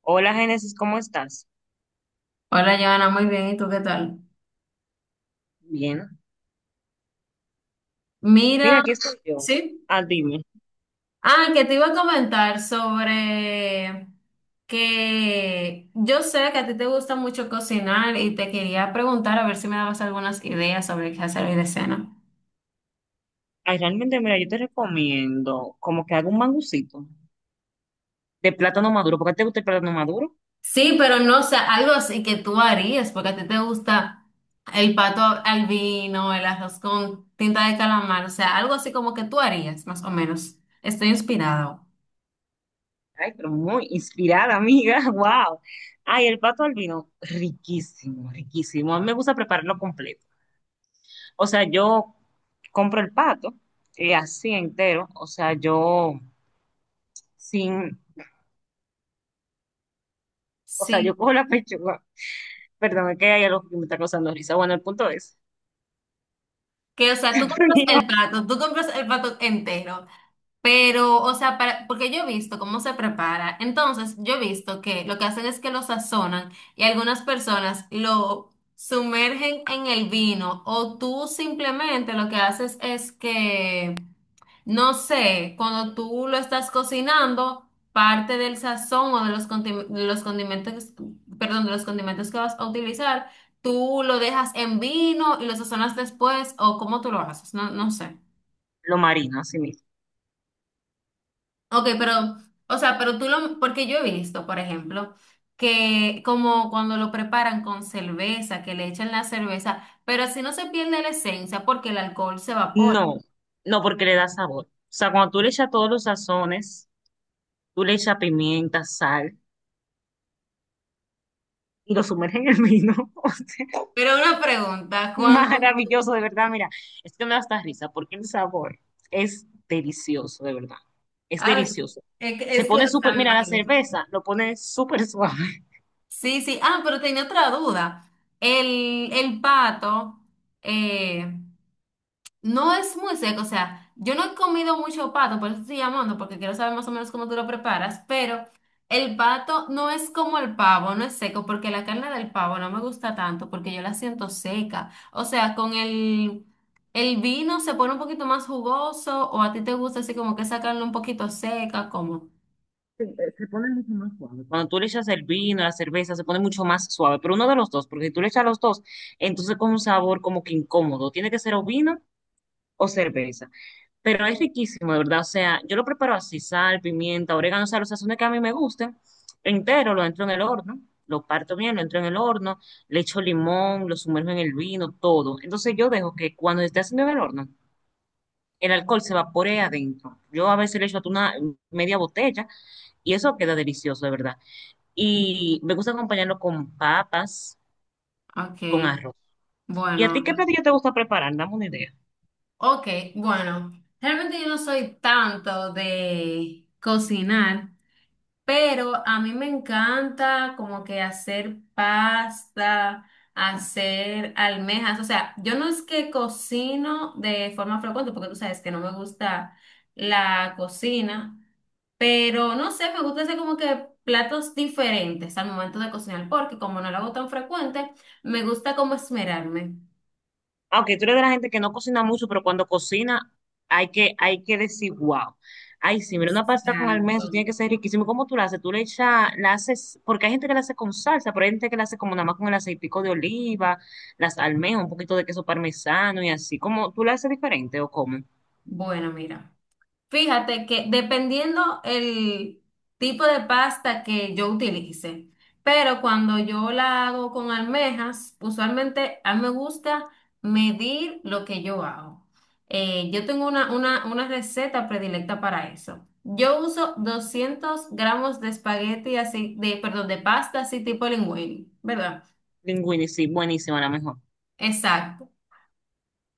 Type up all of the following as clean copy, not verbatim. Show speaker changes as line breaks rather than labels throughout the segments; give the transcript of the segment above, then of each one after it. Hola, Génesis, ¿cómo estás?
Hola, Joana, muy bien. ¿Y tú qué tal?
Bien. Mira,
Mira,
aquí estoy yo.
sí.
Ah, dime.
Ah, que te iba a comentar sobre que yo sé que a ti te gusta mucho cocinar y te quería preguntar a ver si me dabas algunas ideas sobre qué hacer hoy de cena.
Ay, realmente, mira, yo te recomiendo como que haga un mangucito de plátano maduro. ¿Por qué te gusta el plátano maduro?
Sí, pero no sé, algo así que tú harías, porque a ti te gusta el pato al vino, el arroz con tinta de calamar, o sea, algo así como que tú harías, más o menos. Estoy inspirada.
Ay, pero muy inspirada, amiga. Wow. Ay, el pato al vino, riquísimo, riquísimo. A mí me gusta prepararlo completo. O sea, yo compro el pato y así entero. O sea, yo sin, o sea, yo
Sí.
cojo la pechuga. Perdón, es que hay algo que me está causando risa. Bueno, el punto es
Que, o sea, tú compras el plato, tú compras el plato entero, pero, o sea, para, porque yo he visto cómo se prepara. Entonces, yo he visto que lo que hacen es que lo sazonan y algunas personas lo sumergen en el vino o tú simplemente lo que haces es que no sé, cuando tú lo estás cocinando, parte del sazón o de los, de los condimentos, perdón, de los condimentos que vas a utilizar, tú lo dejas en vino y lo sazonas después o cómo tú lo haces, no, no sé.
lo marino, así mismo.
Ok, pero, o sea, pero tú lo, porque yo he visto, por ejemplo, que como cuando lo preparan con cerveza, que le echan la cerveza, pero así no se pierde la esencia porque el alcohol se evapora.
No, no, porque le da sabor. O sea, cuando tú le echas todos los sazones, tú le echas pimienta, sal y lo sumerges en el vino. O sea,
Pero una pregunta, cuando...
maravilloso, de verdad. Mira, es que me da hasta risa porque el sabor es delicioso, de verdad. Es
Ah,
delicioso. Se
es que,
pone
o sea,
súper,
me
mira, la
imagino.
cerveza lo pone súper suave.
Sí, sí. Ah, pero tenía otra duda. El pato eh, no es muy seco, o sea, yo no he comido mucho pato, por eso estoy llamando, porque quiero saber más o menos cómo tú lo preparas, pero el pato no es como el pavo, no es seco, porque la carne del pavo no me gusta tanto, porque yo la siento seca. O sea, con el vino se pone un poquito más jugoso, o a ti te gusta así como que esa carne un poquito seca, como...
Se, se pone mucho más suave. Cuando tú le echas el vino, la cerveza, se pone mucho más suave. Pero uno de los dos, porque si tú le echas los dos, entonces con un sabor como que incómodo. Tiene que ser o vino o cerveza. Pero es riquísimo, de verdad. O sea, yo lo preparo así, sal, pimienta, orégano, o sea, los sazones que a mí me gusten, entero, lo entro en el horno, lo parto bien, lo entro en el horno, le echo limón, lo sumerjo en el vino, todo. Entonces yo dejo que cuando esté haciendo en el horno, el alcohol se vapore adentro. Yo a veces le echo hasta una media botella y eso queda delicioso, de verdad. Y me gusta acompañarlo con papas y con
Ok.
arroz. ¿Y a ti
Bueno.
qué platillo te gusta preparar? Dame una idea.
Ok, bueno, realmente yo no soy tanto de cocinar, pero a mí me encanta como que hacer pasta, hacer almejas, o sea, yo no es que cocino de forma frecuente, porque tú sabes que no me gusta la cocina, pero no sé, me gusta hacer como que platos diferentes al momento de cocinar, porque como no lo hago tan frecuente, me gusta como esmerarme.
Aunque tú eres de la gente que no cocina mucho, pero cuando cocina hay que decir, wow. Ay, sí, mira, una pasta con
Exacto.
almendras tiene que ser riquísimo. ¿Cómo tú la haces? Tú le echas, la haces, porque hay gente que la hace con salsa, pero hay gente que la hace como nada más con el aceitico de oliva, las almejas, un poquito de queso parmesano y así. ¿Cómo tú la haces diferente o cómo?
Bueno, mira. Fíjate que dependiendo el tipo de pasta que yo utilice, pero cuando yo la hago con almejas, usualmente a mí me gusta medir lo que yo hago. Yo tengo una receta predilecta para eso. Yo uso 200 gramos de espagueti así, de, perdón, de pasta así tipo linguini, ¿verdad?
Linguini, sí, buenísima, la mejor.
Exacto.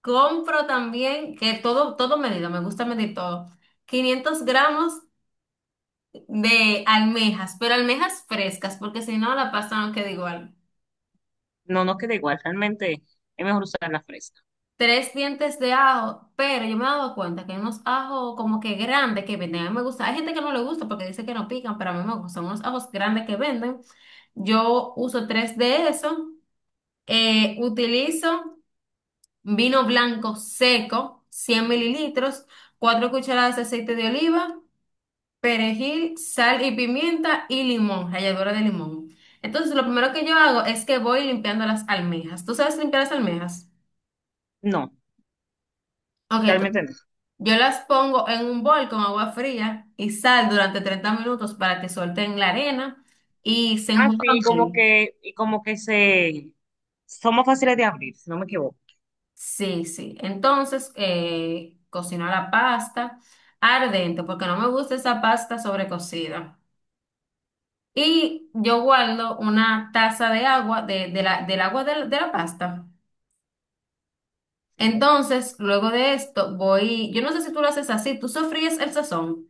Compro también, que todo, todo medido, me gusta medir todo. 500 gramos de almejas, pero almejas frescas, porque si no la pasta no queda igual.
No, no queda igual, realmente es mejor usar la fresca.
Tres dientes de ajo, pero yo me he dado cuenta que hay unos ajos como que grandes que venden. A mí me gusta, hay gente que no le gusta porque dice que no pican, pero a mí me gustan unos ajos grandes que venden. Yo uso tres de esos. Utilizo vino blanco seco, 100 mililitros, 4 cucharadas de aceite de oliva, perejil, sal y pimienta y limón, ralladura de limón. Entonces, lo primero que yo hago es que voy limpiando las almejas. ¿Tú sabes limpiar las almejas?
No,
Ok, entonces,
realmente no.
yo las pongo en un bol con agua fría y sal durante 30 minutos para que suelten la arena y se
Así
enjuguen
como
bien.
que, y como que se, son más fáciles de abrir, si no me equivoco.
Sí, sí. Entonces, cocino la pasta ardente porque no me gusta esa pasta sobrecocida. Y yo guardo una taza de agua, del agua de la pasta.
Sí.
Entonces, luego de esto, voy, yo no sé si tú lo haces así, tú sofríes el sazón.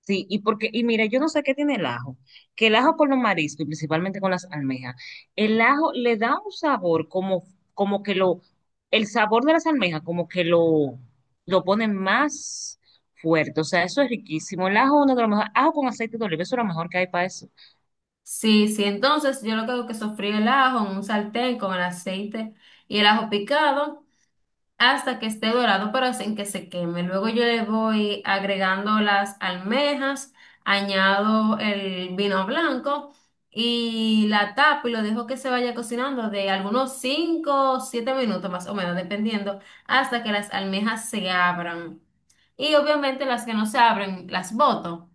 Sí, y porque, y mira, yo no sé qué tiene el ajo, que el ajo con los mariscos y principalmente con las almejas, el ajo le da un sabor como, como que lo, el sabor de las almejas como que lo pone más fuerte, o sea, eso es riquísimo. El ajo, uno de los mejores, ajo con aceite de oliva, eso es lo mejor que hay para eso.
Sí, sí, entonces yo lo que hago es que sofrí el ajo en un sartén con el aceite y el ajo picado, hasta que esté dorado, pero sin que se queme. Luego yo le voy agregando las almejas, añado el vino blanco y la tapo y lo dejo que se vaya cocinando de algunos 5 o 7 minutos más o menos, dependiendo, hasta que las almejas se abran. Y obviamente las que no se abren las boto.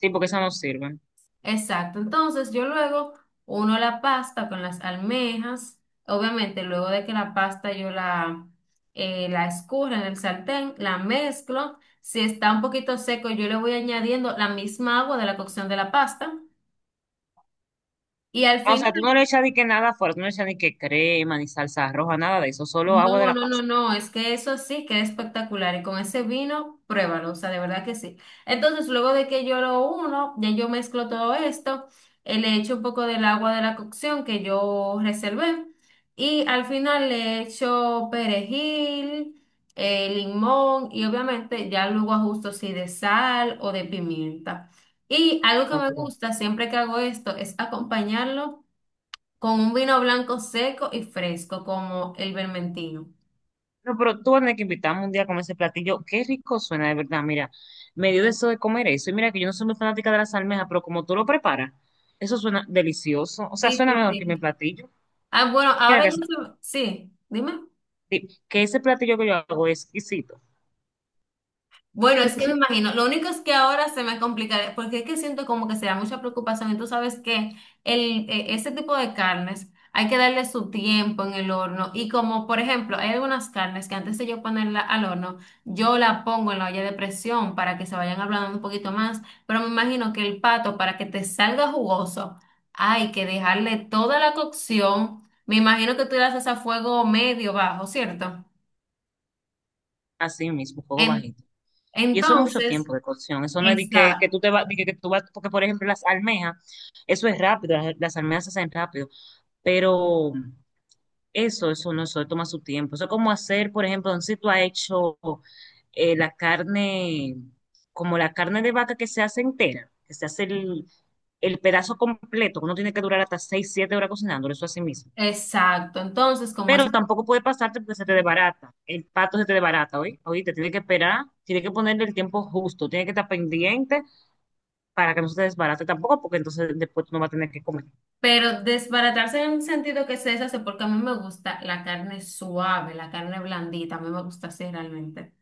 Sí, porque eso no sirve.
Exacto, entonces yo luego uno la pasta con las almejas, obviamente luego de que la pasta yo la, la escurra en el sartén, la mezclo, si está un poquito seco yo le voy añadiendo la misma agua de la cocción de la pasta y al
O
final...
sea, tú no le echas ni que nada fuerte, no le echas ni que crema, ni salsa roja, nada de eso, solo agua de
No,
la
no, no,
pasta.
no, es que eso sí que es espectacular y con ese vino, pruébalo, o sea, de verdad que sí. Entonces, luego de que yo lo uno, ya yo mezclo todo esto, le echo un poco del agua de la cocción que yo reservé y al final le echo perejil, limón y obviamente ya luego ajusto si de sal o de pimienta. Y algo que
No,
me
pero
gusta siempre que hago esto es acompañarlo con un vino blanco seco y fresco como el vermentino.
No, pero tú vas a tener que invitarme un día a comer ese platillo. Qué rico suena, de verdad. Mira, me dio deseo de comer eso. Y mira que yo no soy muy fanática de las almejas, pero como tú lo preparas, eso suena delicioso. O sea,
Sí,
suena
sí,
mejor que mi
sí.
platillo.
Ah, bueno,
Mira
ahora
que,
yo...
ese-
Sí, dime.
que ese platillo que yo hago es exquisito.
Bueno, es que me imagino, lo único es que ahora se me complicaría, porque es que siento como que será mucha preocupación y tú sabes que el, ese tipo de carnes hay que darle su tiempo en el horno y como por ejemplo hay algunas carnes que antes de yo ponerla al horno, yo la pongo en la olla de presión para que se vayan ablandando un poquito más, pero me imagino que el pato para que te salga jugoso hay que dejarle toda la cocción, me imagino que tú la haces a fuego medio bajo, ¿cierto?
Así mismo, fuego
En-
bajito. Y eso es mucho
entonces...
tiempo de cocción. Eso no es de que,
Exacto.
que tú vas, porque por ejemplo las almejas, eso es rápido, las almejas se hacen rápido. Pero eso no, eso toma su tiempo. Eso es como hacer, por ejemplo, no sé si tú has hecho, la carne, como la carne de vaca que se hace entera, que se hace el pedazo completo, uno tiene que durar hasta 6 7 horas cocinándolo, eso así mismo.
Exacto, entonces como eso,
Pero tampoco puede pasarte porque se te desbarata, el pato se te desbarata, hoy oíste, tiene que esperar, tiene que ponerle el tiempo justo, tiene que estar pendiente para que no se te desbarate tampoco, porque entonces después tú no vas a tener que comer
pero desbaratarse en un sentido que se deshace porque a mí me gusta la carne suave, la carne blandita, a mí me gusta así realmente.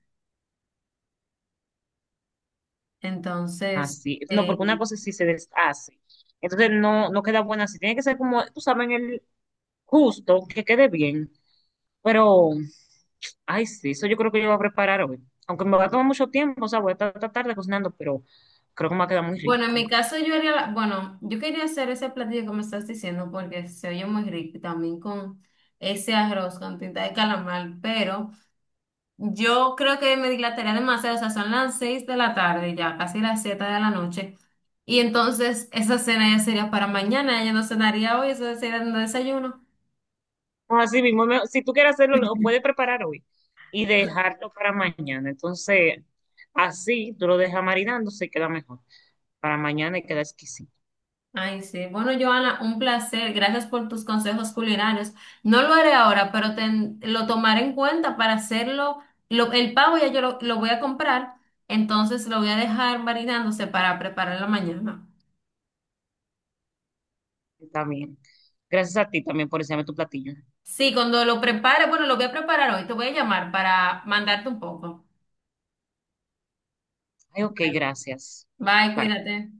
Entonces,
así, es. No, porque una
eh,
cosa sí se deshace. Entonces no, no queda buena así. Tiene que ser como, tú sabes, en el justo, que quede bien. Pero, ay, sí, eso yo creo que yo voy a preparar hoy. Aunque me va a tomar mucho tiempo, o sea, voy a estar esta tarde cocinando, pero creo que me va a quedar muy
bueno, en
rico.
mi caso yo haría, bueno, yo quería hacer ese platillo que me estás diciendo porque se oye muy rico y también con ese arroz con tinta de calamar, pero yo creo que me dilataría demasiado, o sea, son las 6 de la tarde ya, casi las 7 de la noche. Y entonces esa cena ya sería para mañana, ella no cenaría hoy, eso sería un desayuno.
No, así mismo, si tú quieres hacerlo, lo puedes preparar hoy y dejarlo para mañana. Entonces, así tú lo dejas marinando, se queda mejor. Para mañana y queda exquisito.
Ay, sí. Bueno, Joana, un placer. Gracias por tus consejos culinarios. No lo haré ahora, pero lo tomaré en cuenta para hacerlo. El pavo ya yo lo voy a comprar, entonces lo voy a dejar marinándose para preparar la mañana.
Está bien. Gracias a ti también por enseñarme tu platillo.
Sí, cuando lo prepare, bueno, lo voy a preparar hoy, te voy a llamar para mandarte un poco.
Ay, ok,
Bye.
gracias.
Bye,
Bye.
cuídate.